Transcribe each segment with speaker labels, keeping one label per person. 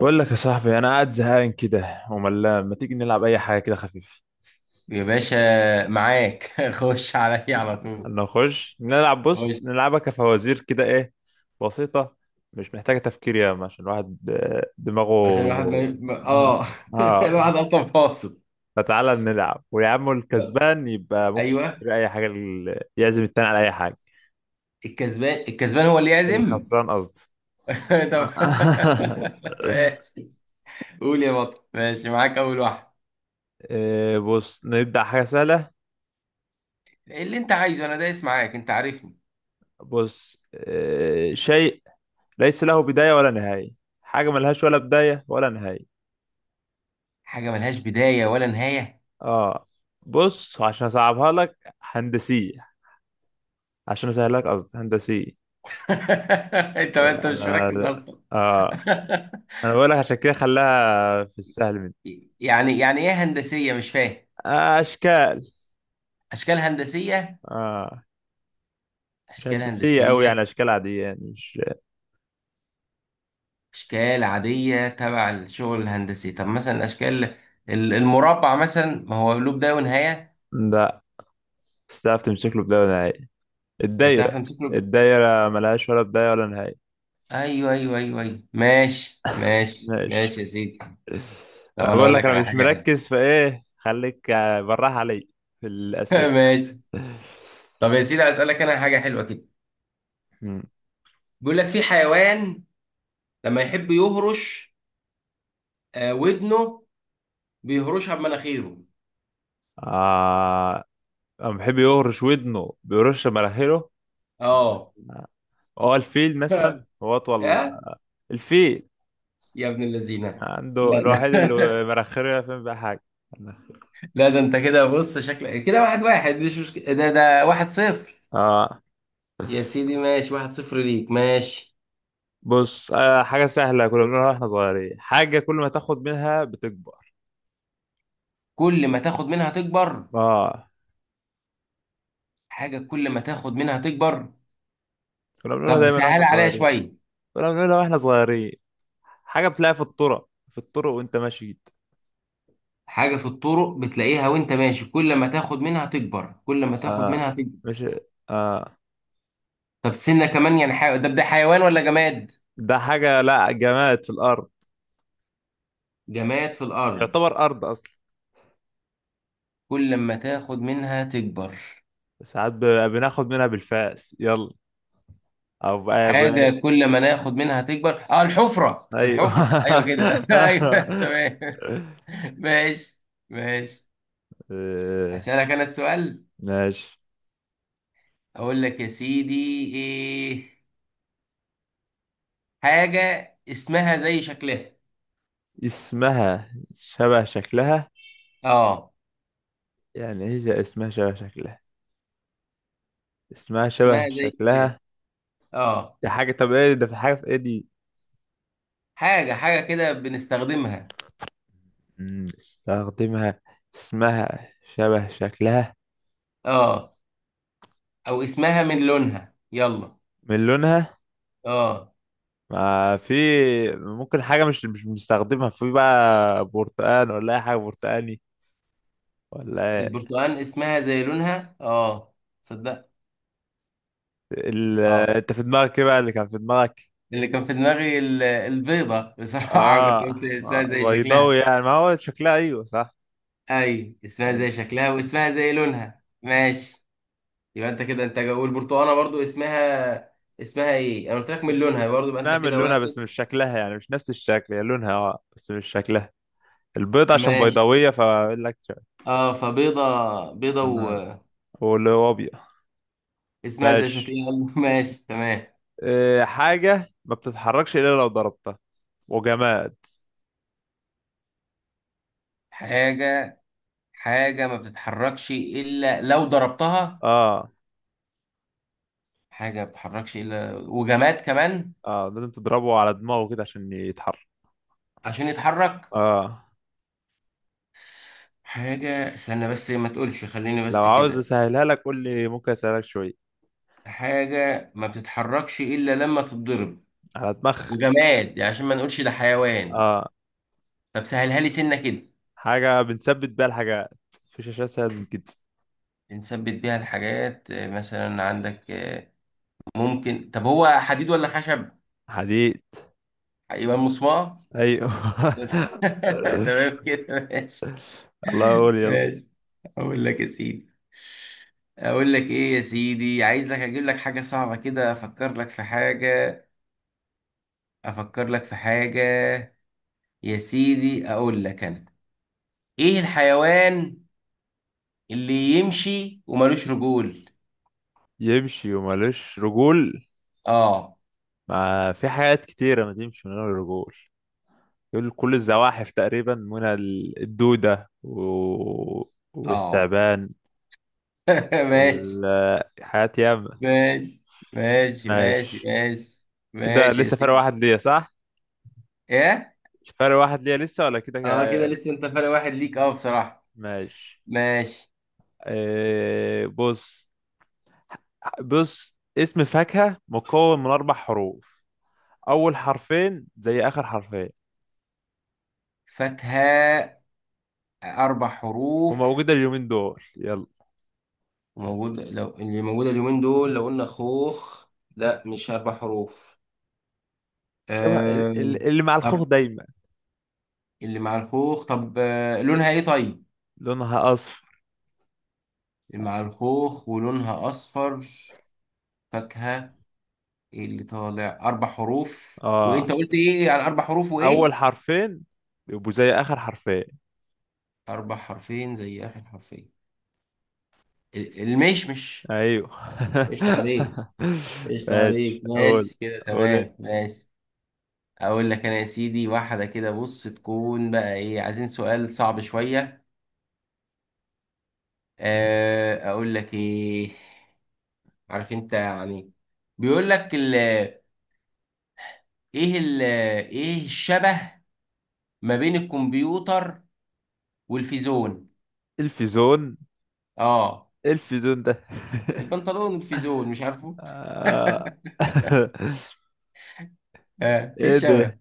Speaker 1: بقول لك يا صاحبي، انا قاعد زهقان كده وملان. ما تيجي نلعب اي حاجه كده خفيف؟
Speaker 2: يا باشا معاك خش عليا على طول
Speaker 1: نخش نلعب. بص،
Speaker 2: خش
Speaker 1: نلعبها كفوازير كده، ايه؟ بسيطه. مش محتاجه تفكير ياما عشان الواحد دماغه
Speaker 2: عشان الواحد
Speaker 1: اه.
Speaker 2: اه
Speaker 1: آه.
Speaker 2: الواحد اصلا فاصل.
Speaker 1: فتعالى نلعب، ويا عم، الكسبان يبقى ممكن
Speaker 2: ايوه،
Speaker 1: يشتري اي حاجه، يعزم التاني على اي حاجه.
Speaker 2: الكسبان هو اللي يعزم.
Speaker 1: الخسران، قصدي.
Speaker 2: طب. ماشي. قول يا بطل، ماشي معاك اول واحد.
Speaker 1: بص، نبدا حاجه سهله.
Speaker 2: اللي انت عايزه انا دايس معاك، انت عارفني.
Speaker 1: بص، شيء ليس له بداية ولا نهاية. حاجة ملهاش ولا بداية ولا نهاية.
Speaker 2: حاجه ملهاش بدايه ولا نهايه.
Speaker 1: اه. بص، عشان اصعبها لك هندسية. عشان اسهلها لك، قصدي، هندسية.
Speaker 2: انت مش
Speaker 1: انا
Speaker 2: مركز اصلا.
Speaker 1: اه انا بقول لك عشان كده خلاها في السهل مني.
Speaker 2: يعني ايه هندسيه؟ مش فاهم.
Speaker 1: اشكال.
Speaker 2: اشكال هندسيه.
Speaker 1: اه. مش
Speaker 2: اشكال
Speaker 1: هندسية قوي، يعني
Speaker 2: هندسيه.
Speaker 1: اشكال عادية، يعني مش.
Speaker 2: اشكال عاديه تبع الشغل الهندسي. طب مثلا الاشكال، المربع مثلا، ما هو له بدايه ونهايه.
Speaker 1: لا. بس تعرف تمسك له بداية ولا نهاية؟
Speaker 2: تعرف
Speaker 1: الدايرة.
Speaker 2: تمسك له.
Speaker 1: الدايرة ملهاش ولا بداية ولا نهاية.
Speaker 2: ايوه ايوه ايوه ايوه، ماشي ماشي
Speaker 1: ماشي.
Speaker 2: ماشي يا سيدي. طب انا
Speaker 1: بقول
Speaker 2: اقول
Speaker 1: لك
Speaker 2: لك
Speaker 1: انا
Speaker 2: على
Speaker 1: مش
Speaker 2: حاجه
Speaker 1: مركز، فايه خليك براح علي في الاسئلة.
Speaker 2: حلوه. ماشي. طب يا سيدي، اسالك انا حاجه حلوه كده.
Speaker 1: مم.
Speaker 2: بيقول لك في حيوان لما يحب يهرش ودنه، بيهرشها بمناخيره.
Speaker 1: آه. أما بيحب يهرش ودنه بيرش مراحله.
Speaker 2: اه.
Speaker 1: هو الفيل مثلا. هو أطول.
Speaker 2: ها،
Speaker 1: الفيل
Speaker 2: يا ابن اللذينه. لا،
Speaker 1: عنده
Speaker 2: لا.
Speaker 1: الوحيد اللي مراخيره يفهم بقى حاجة.
Speaker 2: لا ده انت كده بص، شكلك كده واحد واحد مش مشكله. ده واحد صفر.
Speaker 1: آه
Speaker 2: يا سيدي ماشي، واحد صفر ليك، ماشي.
Speaker 1: بص، حاجة سهلة كنا بنقولها واحنا صغيرين. حاجة كل ما تاخد منها بتكبر.
Speaker 2: كل ما تاخد منها تكبر.
Speaker 1: اه.
Speaker 2: حاجة كل ما تاخد منها تكبر.
Speaker 1: كنا بنقولها
Speaker 2: طب
Speaker 1: دايما
Speaker 2: سهل
Speaker 1: واحنا
Speaker 2: عليها
Speaker 1: صغيرين.
Speaker 2: شوية.
Speaker 1: كنا بنقولها واحنا صغيرين. حاجة بتلاقيها في الطرق وانت ماشي.
Speaker 2: حاجة في الطرق بتلاقيها وانت ماشي، كل ما تاخد منها تكبر، كل ما تاخد
Speaker 1: آه
Speaker 2: منها تكبر.
Speaker 1: مش. آه
Speaker 2: طب سنة كمان، يعني ده ده حيوان ولا جماد؟
Speaker 1: ده حاجة، لا جماد في الأرض.
Speaker 2: جماد في الأرض.
Speaker 1: يعتبر ارض اصلا.
Speaker 2: كل ما تاخد منها تكبر.
Speaker 1: ساعات بناخد منها بالفاس، يلا. او ب-
Speaker 2: حاجة كل ما ناخد منها تكبر، اه الحفرة،
Speaker 1: ايوه.
Speaker 2: الحفرة، ايوه كده ايوه. تمام. ماشي. ماشي.
Speaker 1: آه،
Speaker 2: هسألك انا السؤال،
Speaker 1: ماشي.
Speaker 2: اقول لك يا سيدي ايه. حاجة اسمها زي شكلها.
Speaker 1: اسمها شبه شكلها.
Speaker 2: اه.
Speaker 1: يعني ايه ده، اسمها شبه شكلها؟ اسمها
Speaker 2: اسمها
Speaker 1: شبه
Speaker 2: زي كده.
Speaker 1: شكلها.
Speaker 2: اه.
Speaker 1: دي حاجة. طب ايه ده؟ في حاجة، في ايه دي؟
Speaker 2: حاجة، حاجة كده بنستخدمها.
Speaker 1: استخدمها. اسمها شبه شكلها.
Speaker 2: اه. او اسمها من لونها، يلا.
Speaker 1: من لونها.
Speaker 2: اه.
Speaker 1: ما في، ممكن حاجة مش بنستخدمها، في بقى برتقال ولا أي حاجة برتقاني، ولا
Speaker 2: البرتقال، اسمها زي لونها، اه. صدق.
Speaker 1: ال...
Speaker 2: اه.
Speaker 1: انت في دماغك ايه بقى؟ اللي كان في دماغك.
Speaker 2: اللي كان في دماغي البيضة بصراحة. كنت قلت
Speaker 1: اه.
Speaker 2: اسمها
Speaker 1: آه،
Speaker 2: زي
Speaker 1: بيضاوي
Speaker 2: شكلها.
Speaker 1: يعني ما هو شكلها، ايوه صح.
Speaker 2: اي، اسمها
Speaker 1: يعني
Speaker 2: زي شكلها واسمها زي لونها، ماشي. يبقى انت كده، انت والبرتقاله برضو اسمها، اسمها ايه؟ انا قلت لك من لونها برضو. يبقى انت
Speaker 1: اسمها من
Speaker 2: كده
Speaker 1: لونها
Speaker 2: واحد.
Speaker 1: بس مش شكلها، يعني مش نفس الشكل، هي لونها بس مش شكلها. البيض عشان
Speaker 2: ماشي.
Speaker 1: بيضاوية، فاقول لك
Speaker 2: اه فبيضه. بيضه.
Speaker 1: آه. واللي هو ابيض.
Speaker 2: واسمها زي
Speaker 1: ماشي.
Speaker 2: شكلها. ماشي تمام.
Speaker 1: إيه حاجة ما بتتحركش الا لو ضربتها، وجماد.
Speaker 2: حاجه، حاجه ما بتتحركش الا لو ضربتها.
Speaker 1: اه،
Speaker 2: حاجه ما بتتحركش الا، وجماد كمان.
Speaker 1: اه، لازم تضربه على دماغه كده عشان يتحرك.
Speaker 2: عشان يتحرك.
Speaker 1: اه.
Speaker 2: حاجه، استنى بس، ما تقولش، خليني
Speaker 1: لو
Speaker 2: بس
Speaker 1: عاوز
Speaker 2: كده.
Speaker 1: اسهلها لك قول لي، ممكن اسهلك شوية.
Speaker 2: حاجه ما بتتحركش الا لما تتضرب،
Speaker 1: على دماغ.
Speaker 2: وجماد يعني عشان ما نقولش ده حيوان.
Speaker 1: اه.
Speaker 2: طب سهلها لي سنه كده.
Speaker 1: حاجة بنثبت بيها الحاجات. مفيش أشياء أسهل من كده.
Speaker 2: بنثبت بيها الحاجات مثلا عندك، ممكن، طب هو حديد ولا خشب؟
Speaker 1: حديد.
Speaker 2: يبقى مسمار.
Speaker 1: أيوه.
Speaker 2: تمام كده، ماشي.
Speaker 1: الله يقول، يلا.
Speaker 2: ماشي. اقول لك يا سيدي، اقول لك ايه يا سيدي، عايز لك اجيب لك حاجة صعبة كده، افكر لك في حاجة، افكر لك في حاجة يا سيدي اقول لك انا، ايه الحيوان اللي يمشي وملوش رجول؟
Speaker 1: يمشي ومالوش رجول؟
Speaker 2: اه.
Speaker 1: ما في حاجات كتيرة ما تمشي من غير رجول. يقول كل الزواحف تقريبا، من الدودة
Speaker 2: اه.
Speaker 1: والثعبان.
Speaker 2: ماشي
Speaker 1: والحاجات ياما.
Speaker 2: ماشي ماشي ماشي
Speaker 1: ماشي.
Speaker 2: ماشي.
Speaker 1: كده
Speaker 2: ماشي يا
Speaker 1: لسه فرق
Speaker 2: سيدي.
Speaker 1: واحد ليا، صح؟
Speaker 2: ايه؟
Speaker 1: مش فرق واحد ليا لسه، ولا
Speaker 2: اه كده لسه انت فارق واحد ليك، اه بصراحة.
Speaker 1: ماشي.
Speaker 2: ماشي.
Speaker 1: إيه، بص. بص، اسم فاكهة مكون من أربع حروف. أول حرفين زي آخر حرفين.
Speaker 2: فاكهة، اربع حروف
Speaker 1: وموجودة اليومين دول، يلا.
Speaker 2: موجودة. لو اللي موجودة اليومين دول، لو قلنا خوخ، لا مش اربع حروف.
Speaker 1: شبه
Speaker 2: آه...
Speaker 1: اللي مع الخوخ
Speaker 2: طب.
Speaker 1: دايما.
Speaker 2: اللي مع الخوخ، طب، لونها ايه طيب؟
Speaker 1: لونها أصفر.
Speaker 2: اللي مع الخوخ ولونها اصفر. فاكهة. إيه اللي طالع اربع حروف؟
Speaker 1: آه
Speaker 2: وانت قلت ايه على اربع حروف
Speaker 1: أول
Speaker 2: وايه؟
Speaker 1: حرفين يبقوا زي آخر حرفين.
Speaker 2: أربع حرفين زي آخر حرفين، المشمش.
Speaker 1: أيوه.
Speaker 2: قشطة عليك. قشطة عليك،
Speaker 1: ماشي، قول.
Speaker 2: ماشي كده
Speaker 1: قول
Speaker 2: تمام،
Speaker 1: انت.
Speaker 2: ماشي. أقول لك أنا يا سيدي، واحدة كده بص، تكون بقى إيه، عايزين سؤال صعب شوية، أقول لك إيه، عارف أنت يعني. بيقول لك ال، إيه ال، إيه الشبه ما بين الكمبيوتر والفيزون؟
Speaker 1: الفيزون؟
Speaker 2: أه.
Speaker 1: الفيزون ده؟
Speaker 2: البنطلون والفيزون مش عارفه.
Speaker 1: آه.
Speaker 2: إيه
Speaker 1: ايه ده؟
Speaker 2: الشبه؟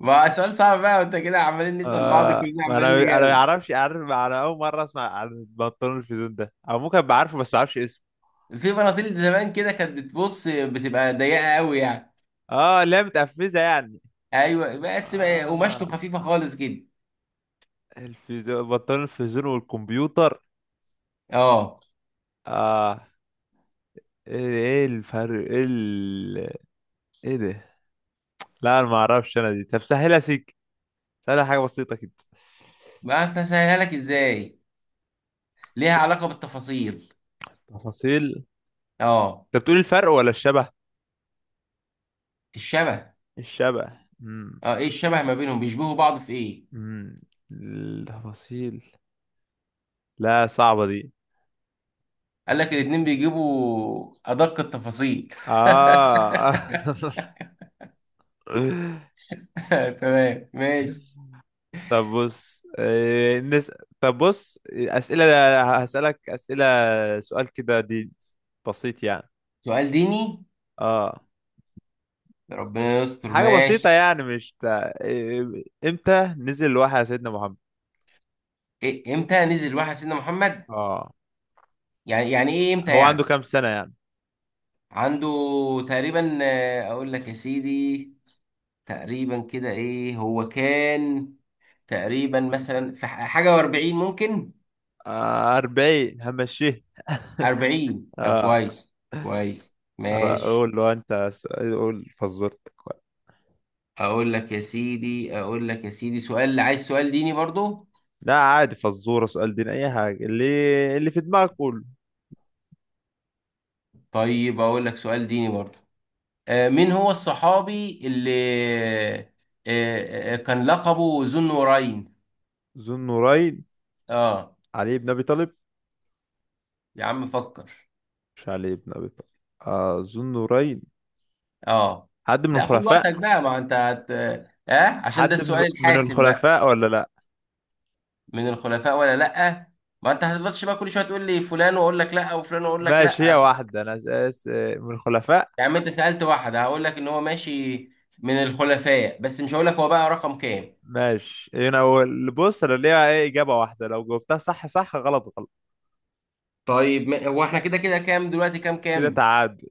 Speaker 2: ما سؤال صعب بقى؟ وانت كده عمالين نسأل بعض، كلنا
Speaker 1: ما
Speaker 2: عمالين
Speaker 1: انا ما
Speaker 2: نجاوب.
Speaker 1: يعرفش، عارف انا اول مره اسمع عن البنطلون الفيزون ده، او ممكن ابقى عارفه بس ما اعرفش اسمه.
Speaker 2: في بناطيل زمان كده كانت بتبص، بتبقى ضيقة قوي يعني.
Speaker 1: اه، اللي هي متقفزه يعني.
Speaker 2: ايوه، بس بقى
Speaker 1: اه.
Speaker 2: قماشته خفيفة خالص كده.
Speaker 1: الفيزون، بنطلون الفيزون والكمبيوتر.
Speaker 2: اه.
Speaker 1: اه. ايه الفرق، ايه ايه ده؟ لا انا ما اعرفش، انا دي. طب سهلها سيك. سهلها حاجه بسيطه كده.
Speaker 2: بس هسهلها لك ازاي، ليها علاقة بالتفاصيل.
Speaker 1: تفاصيل.
Speaker 2: اه.
Speaker 1: انت بتقول الفرق ولا الشبه؟
Speaker 2: الشبه.
Speaker 1: الشبه.
Speaker 2: اه، ايه الشبه ما بينهم؟ بيشبهوا بعض في ايه؟
Speaker 1: امم التفاصيل. لا، صعبة دي.
Speaker 2: قال لك الاتنين بيجيبوا ادق التفاصيل.
Speaker 1: اه.
Speaker 2: تمام ماشي.
Speaker 1: طب بص. طب بص، أسئلة. هسألك أسئلة. سؤال كده دي، بسيط يعني.
Speaker 2: سؤال ديني؟
Speaker 1: اه.
Speaker 2: ربنا يستر،
Speaker 1: حاجة
Speaker 2: ماشي.
Speaker 1: بسيطة يعني مش امتى نزل الوحي على سيدنا محمد؟
Speaker 2: إيه، امتى نزل الوحي على سيدنا محمد؟
Speaker 1: اه.
Speaker 2: يعني ايه امتى
Speaker 1: هو عنده
Speaker 2: يعني؟
Speaker 1: كام سنة يعني؟
Speaker 2: عنده تقريبا، اقول لك يا سيدي، تقريبا كده ايه هو كان، تقريبا مثلا، في حاجة و40 ممكن.
Speaker 1: 40 همشيه.
Speaker 2: 40، طب
Speaker 1: اه.
Speaker 2: كويس. كويس ماشي.
Speaker 1: قول له انت سؤال، قول فزورتك بقى.
Speaker 2: اقول لك يا سيدي، سؤال عايز سؤال ديني برضو.
Speaker 1: لا عادي، فزورة، سؤال دين، أي حاجة اللي في دماغك قول.
Speaker 2: طيب اقول لك سؤال ديني برضو. مين هو الصحابي اللي، آه، كان لقبه ذو النورين؟
Speaker 1: ذو النورين.
Speaker 2: اه.
Speaker 1: علي بن أبي طالب.
Speaker 2: يا عم فكر.
Speaker 1: مش علي بن أبي طالب. أظن نورين.
Speaker 2: اه.
Speaker 1: حد من
Speaker 2: لا، خد
Speaker 1: الخلفاء.
Speaker 2: وقتك بقى، ما انت اه، عشان ده
Speaker 1: حد من
Speaker 2: السؤال
Speaker 1: من
Speaker 2: الحاسم بقى.
Speaker 1: الخلفاء ولا لا؟
Speaker 2: من الخلفاء ولا لا؟ ما انت هتفضلش بقى كل شويه تقول لي فلان واقول لك لا، وفلان واقول لك
Speaker 1: ماشي
Speaker 2: لا.
Speaker 1: هي واحدة، أنا أساس من الخلفاء.
Speaker 2: يا عم انت سالت واحد هقول لك ان هو ماشي من الخلفاء، بس مش هقول لك هو بقى رقم كام.
Speaker 1: ماشي، هنا هو اللي، بص، أنا ليها إيه؟ إجابة واحدة، لو جاوبتها صح صح، غلط غلط.
Speaker 2: طيب ما... هو احنا كده كده كام دلوقتي؟ كام
Speaker 1: كده
Speaker 2: كام
Speaker 1: تعادل.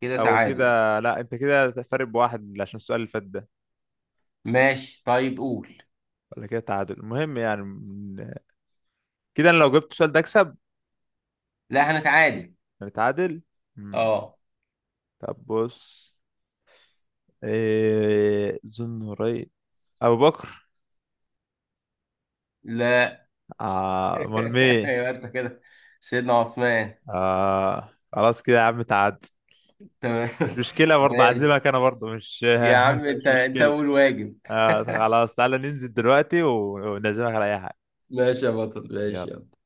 Speaker 2: كده
Speaker 1: أو كده
Speaker 2: تعادل.
Speaker 1: لا، أنت كده فارق بواحد عشان السؤال اللي فات ده.
Speaker 2: ماشي، طيب قول.
Speaker 1: ولا كده تعادل، المهم يعني كده أنا لو جبت السؤال ده أكسب.
Speaker 2: لا، هنتعادل.
Speaker 1: نتعادل. مم.
Speaker 2: اه.
Speaker 1: طب بص، إيه ذو النورين؟ أبو بكر.
Speaker 2: لا.
Speaker 1: آه، امال مين؟
Speaker 2: يبقى انت كده، سيدنا عثمان.
Speaker 1: آه، خلاص كده يا عم، تعاد.
Speaker 2: تمام.
Speaker 1: مش مشكلة، برضه
Speaker 2: ماشي.
Speaker 1: عازمك انا، برضه مش.
Speaker 2: يا عم انت
Speaker 1: مش
Speaker 2: انت
Speaker 1: مشكلة.
Speaker 2: اول واجب.
Speaker 1: آه خلاص، تعالى ننزل دلوقتي ونعزمك على اي حاجة.
Speaker 2: ماشي يا بطل،
Speaker 1: يلا.
Speaker 2: ماشي، يلا.